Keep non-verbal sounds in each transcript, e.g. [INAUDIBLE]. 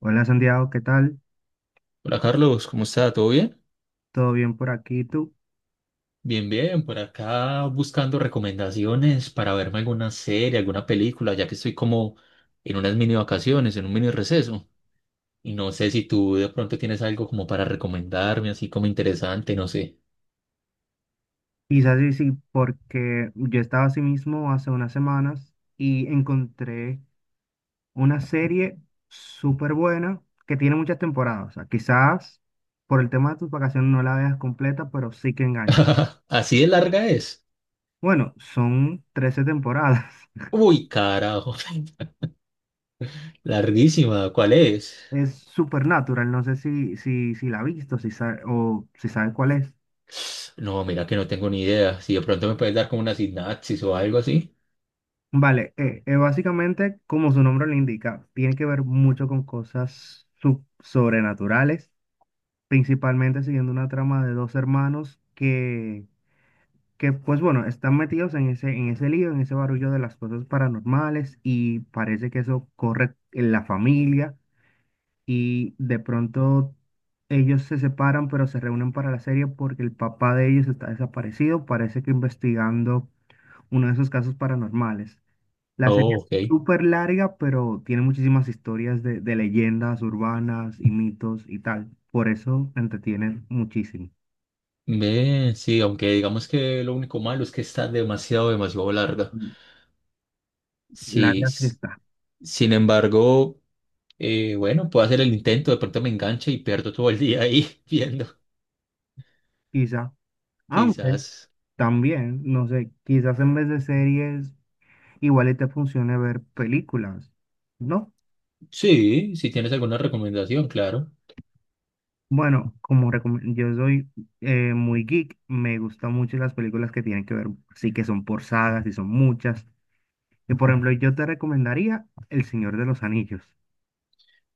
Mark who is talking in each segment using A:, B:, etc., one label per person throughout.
A: Hola Santiago, ¿qué tal?
B: Hola Carlos, ¿cómo está? ¿Todo bien?
A: ¿Todo bien por aquí? ¿Tú?
B: Bien, bien, por acá buscando recomendaciones para verme alguna serie, alguna película, ya que estoy como en unas mini vacaciones, en un mini receso. Y no sé si tú de pronto tienes algo como para recomendarme, así como interesante, no sé.
A: Quizás sí, sí, porque yo estaba así mismo hace unas semanas y encontré una serie súper buena que tiene muchas temporadas. O sea, quizás por el tema de tus vacaciones no la veas completa, pero sí que engancha.
B: [LAUGHS] Así de larga es.
A: Bueno, son 13 temporadas. [LAUGHS]
B: Uy, carajo, [LAUGHS] larguísima, ¿cuál es?
A: Es Supernatural, no sé si la has visto o si sabes cuál es.
B: No, mira que no tengo ni idea. Si de pronto me puedes dar como una sinapsis o algo así.
A: Vale, básicamente, como su nombre lo indica, tiene que ver mucho con cosas sobrenaturales, principalmente siguiendo una trama de dos hermanos que, pues bueno, están metidos en ese lío, en ese barullo de las cosas paranormales y parece que eso corre en la familia y de pronto ellos se separan, pero se reúnen para la serie porque el papá de ellos está desaparecido, parece que investigando uno de esos casos paranormales. La serie
B: Oh,
A: es
B: ok.
A: súper larga, pero tiene muchísimas historias de leyendas urbanas y mitos y tal. Por eso entretienen muchísimo.
B: Ve, sí, aunque digamos que lo único malo es que está demasiado, demasiado larga.
A: Y
B: Sí,
A: larga sí
B: s-
A: está,
B: Sin embargo, bueno, puedo hacer el intento, de pronto me engancha y pierdo todo el día ahí [LAUGHS] viendo,
A: quizá. Aunque
B: quizás.
A: también, no sé, quizás en vez de series, igual y te funcione ver películas, ¿no?
B: Sí, si tienes alguna recomendación, claro.
A: Bueno, yo soy muy geek, me gustan mucho las películas que tienen que ver, sí que son por sagas y son muchas. Y por ejemplo, yo te recomendaría El Señor de los Anillos.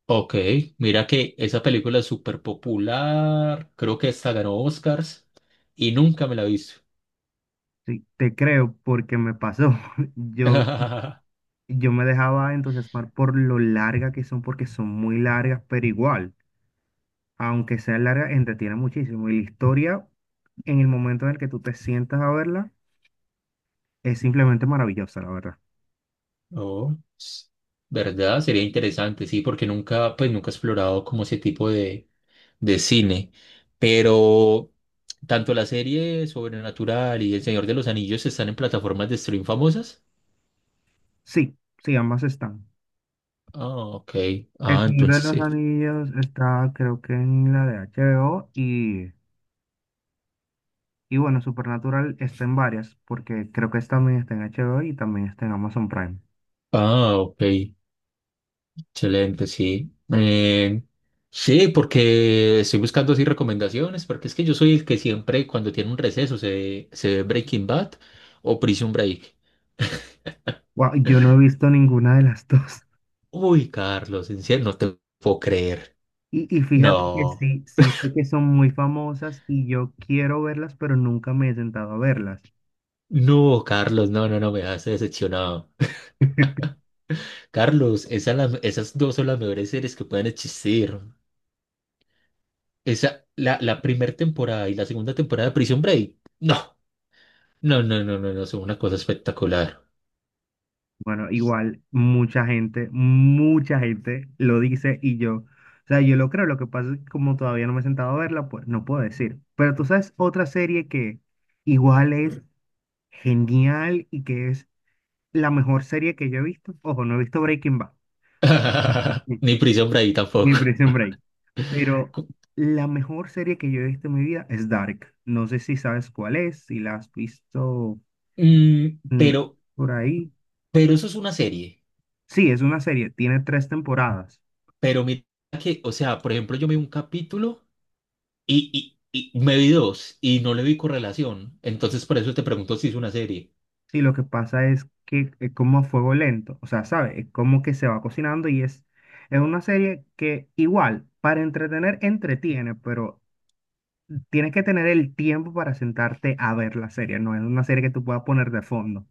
B: Ok, mira que esa película es súper popular, creo que hasta ganó Oscars y nunca me la he visto.
A: Sí, te creo porque me pasó. [LAUGHS] Yo,
B: [LAUGHS]
A: yo me dejaba entusiasmar por lo larga que son, porque son muy largas, pero igual, aunque sea larga, entretiene muchísimo. Y la historia, en el momento en el que tú te sientas a verla, es simplemente maravillosa, la verdad.
B: No, s- ¿Verdad? Sería interesante, sí, porque nunca, pues nunca he explorado como ese tipo de cine, pero tanto la serie Sobrenatural y El Señor de los Anillos están en plataformas de stream famosas.
A: Sí, sí, ambas están.
B: Ah, ok.
A: El
B: Ah,
A: Señor
B: entonces
A: de los
B: sí.
A: Anillos está, creo que en la de HBO y bueno, Supernatural está en varias, porque creo que también está en HBO y también está en Amazon Prime.
B: Ah, ok. Excelente, sí. Sí, porque estoy buscando así recomendaciones, porque es que yo soy el que siempre cuando tiene un receso se ve Breaking Bad o Prison Break.
A: Wow, yo no he visto ninguna de las [LAUGHS] dos.
B: Uy, Carlos, en serio, no te puedo creer.
A: Y fíjate que
B: No,
A: sí, sí sé que son muy famosas y yo quiero verlas, pero nunca me he sentado a verlas.
B: no, Carlos, no, no, no, me has decepcionado.
A: [LAUGHS]
B: Carlos, esas dos son las mejores series que pueden existir. Esa, la primera temporada y la segunda temporada de Prison Break. No, no, no, no, no, no, son una cosa espectacular.
A: Bueno, igual mucha gente lo dice y yo, o sea, yo lo creo, lo que pasa es que como todavía no me he sentado a verla, pues no puedo decir. Pero tú sabes otra serie que igual es genial y que es la mejor serie que yo he visto. Ojo, no he visto Breaking Bad.
B: [LAUGHS]
A: [LAUGHS]
B: Ni Prison Break tampoco.
A: ni Prison Break. Pero
B: Cu-
A: la mejor serie que yo he visto en mi vida es Dark. No sé si sabes cuál es, si la has visto
B: mm,
A: mm,
B: pero,
A: por ahí.
B: pero eso es una serie.
A: Sí, es una serie, tiene tres temporadas.
B: Pero mira que, o sea, por ejemplo, yo me vi un capítulo y, y me vi dos y no le vi correlación. Entonces, por eso te pregunto si es una serie
A: Sí, lo que pasa es que es como a fuego lento, o sea, ¿sabes? Es como que se va cocinando y es una serie que igual, para entretener, entretiene, pero tienes que tener el tiempo para sentarte a ver la serie. No es una serie que tú puedas poner de fondo.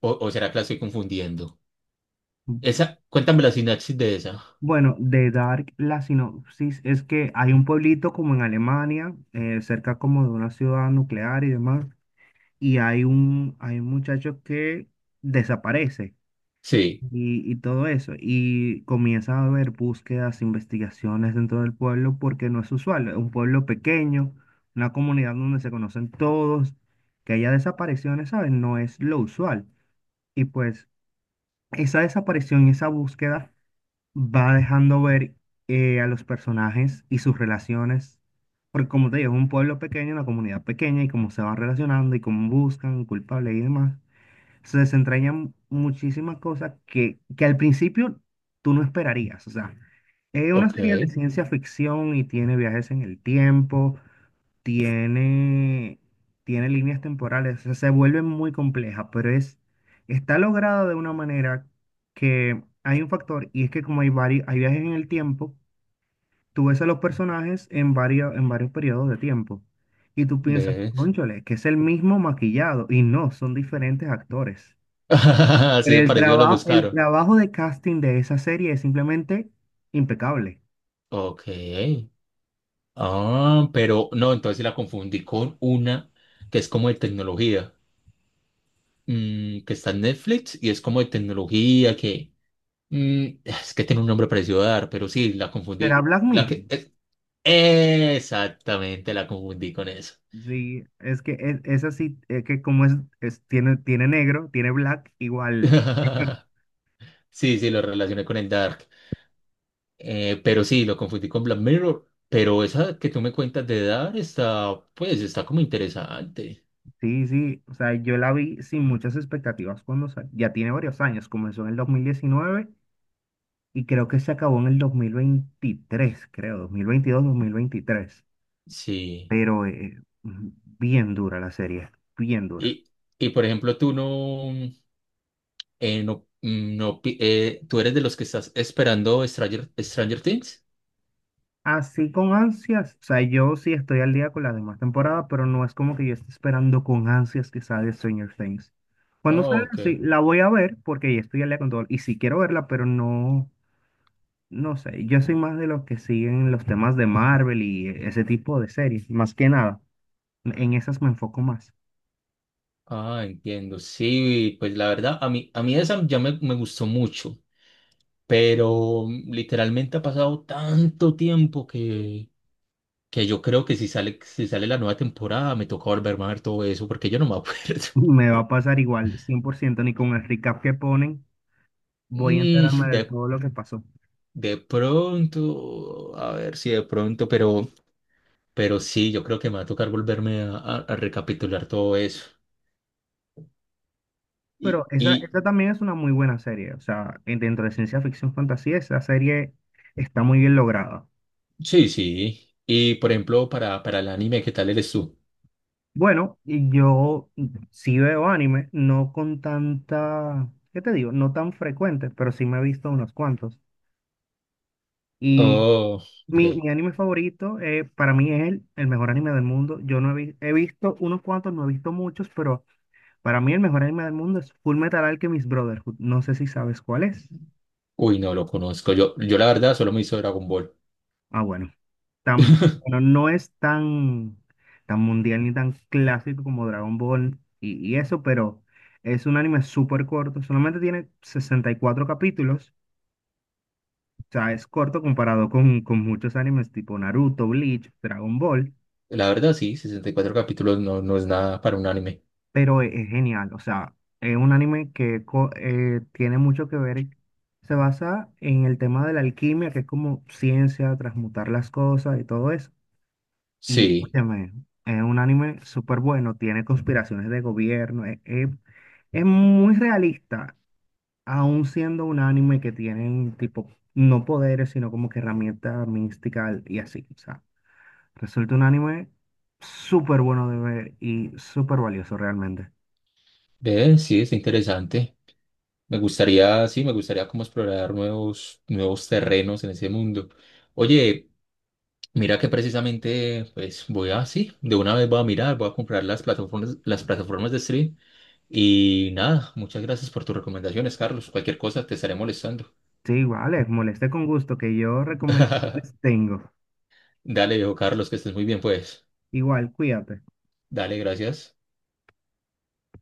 B: o será que la estoy confundiendo. Esa, cuéntame la sinapsis de esa.
A: Bueno, de Dark, la sinopsis es que hay un pueblito como en Alemania, cerca como de una ciudad nuclear y demás, y hay un muchacho que desaparece
B: Sí.
A: y todo eso, y comienza a haber búsquedas, investigaciones dentro del pueblo porque no es usual, es un pueblo pequeño, una comunidad donde se conocen todos, que haya desapariciones, ¿sabes? No es lo usual. Y pues esa desaparición, y esa búsqueda va dejando ver a los personajes y sus relaciones. Porque como te digo, es un pueblo pequeño, una comunidad pequeña y cómo se van relacionando y cómo buscan culpables y demás. Se desentrañan muchísimas cosas que al principio tú no esperarías. O sea, es una
B: Ok,
A: serie de ciencia ficción y tiene viajes en el tiempo, tiene, tiene líneas temporales, o sea, se vuelve muy compleja, pero es, está lograda de una manera que hay un factor, y es que como hay varios, hay viajes en el tiempo, tú ves a los personajes en en varios periodos de tiempo, y tú piensas,
B: ve.
A: cónchale, que es el mismo maquillado, y no, son diferentes actores.
B: [LAUGHS] Así
A: Pero
B: de parecido lo
A: el
B: buscaron.
A: trabajo de casting de esa serie es simplemente impecable.
B: Ok. Ah, pero no, entonces sí la confundí con una que es como de tecnología, mm, que está en Netflix y es como de tecnología, que mm, es que tiene un nombre parecido a dar, pero sí, la
A: ¿Será
B: confundí.
A: Black Mirror?
B: Exactamente, la confundí con eso.
A: Sí, es que es así, es que tiene, tiene negro, tiene black, igual,
B: [LAUGHS] Sí, sí, lo relacioné con el Dark. Pero sí, lo confundí con Black Mirror, pero esa que tú me cuentas de dar está, pues, está como interesante.
A: sí, sí, o sea, yo la vi sin muchas expectativas cuando salió, ya tiene varios años, comenzó en el 2019 y creo que se acabó en el 2023, creo, 2022 2023,
B: Sí.
A: pero bien dura la serie, bien dura.
B: Y, y por ejemplo, tú no, no, mm, no, pi- tú eres de los que estás esperando Stranger Things.
A: Así con ansias, o sea, yo sí estoy al día con la demás temporada, pero no es como que yo esté esperando con ansias que salga Stranger Things. Cuando
B: Oh,
A: salga,
B: ok.
A: sí, la voy a ver porque ya estoy al día con todo. Y sí quiero verla, pero no, no sé. Yo soy más de los que siguen los temas de Marvel y e, ese tipo de series, más que nada. En esas me enfoco más.
B: Ah, entiendo. Sí, pues la verdad, a mí esa ya me gustó mucho, pero mm, literalmente ha pasado tanto tiempo que yo creo que si sale, si sale la nueva temporada me toca volverme a ver todo eso porque yo no me acuerdo.
A: [LAUGHS]
B: [LAUGHS]
A: Me va a pasar igual, 100%. Ni con el recap que ponen, voy a
B: Mm,
A: enterarme de
B: de,
A: todo lo que pasó.
B: de pronto, a ver si de pronto, pero sí, yo creo que me va a tocar volverme a recapitular todo eso.
A: Pero
B: Y
A: esa también es una muy buena serie. O sea, dentro de ciencia ficción fantasía, esa serie está muy bien lograda.
B: sí, sí. Y por ejemplo, para el anime, ¿qué tal eres tú?
A: Bueno, y yo sí veo anime, no con tanta, ¿qué te digo? No tan frecuente, pero sí me he visto unos cuantos. Y
B: Oh, ok.
A: mi anime favorito, para mí es el mejor anime del mundo. Yo no he, he visto unos cuantos, no he visto muchos, pero para mí el mejor anime del mundo es Full Metal Alchemist Brotherhood. No sé si sabes cuál es.
B: Uy, no lo conozco. Yo la verdad solo me hizo Dragon Ball.
A: Ah, bueno.
B: [LAUGHS]
A: Bueno, no es tan, tan mundial ni tan clásico como Dragon Ball y eso, pero es un anime súper corto. Solamente tiene 64 capítulos. O sea, es corto comparado con muchos animes tipo Naruto, Bleach, Dragon Ball,
B: La verdad, sí, 64 capítulos no, no es nada para un anime.
A: pero es genial. O sea, es un anime que tiene mucho que ver. Se basa en el tema de la alquimia, que es como ciencia, transmutar las cosas y todo eso. Y
B: Sí,
A: óyeme, es un anime súper bueno, tiene conspiraciones de gobierno, es muy realista, aún siendo un anime que tienen tipo, no poderes, sino como que herramientas místicas y así. O sea, resulta un anime súper bueno de ver y súper valioso realmente.
B: ve, sí, es interesante. Me gustaría, sí, me gustaría como explorar nuevos, nuevos terrenos en ese mundo. Oye, mira que precisamente, pues voy a, sí, de una vez voy a mirar, voy a comprar las plataformas de stream y nada, muchas gracias por tus recomendaciones, Carlos. Cualquier cosa te estaré molestando.
A: Sí, igual, es moleste con gusto que yo recomendaciones
B: [LAUGHS]
A: tengo.
B: Dale, viejo Carlos, que estés muy bien, pues.
A: Igual, cuídate.
B: Dale, gracias.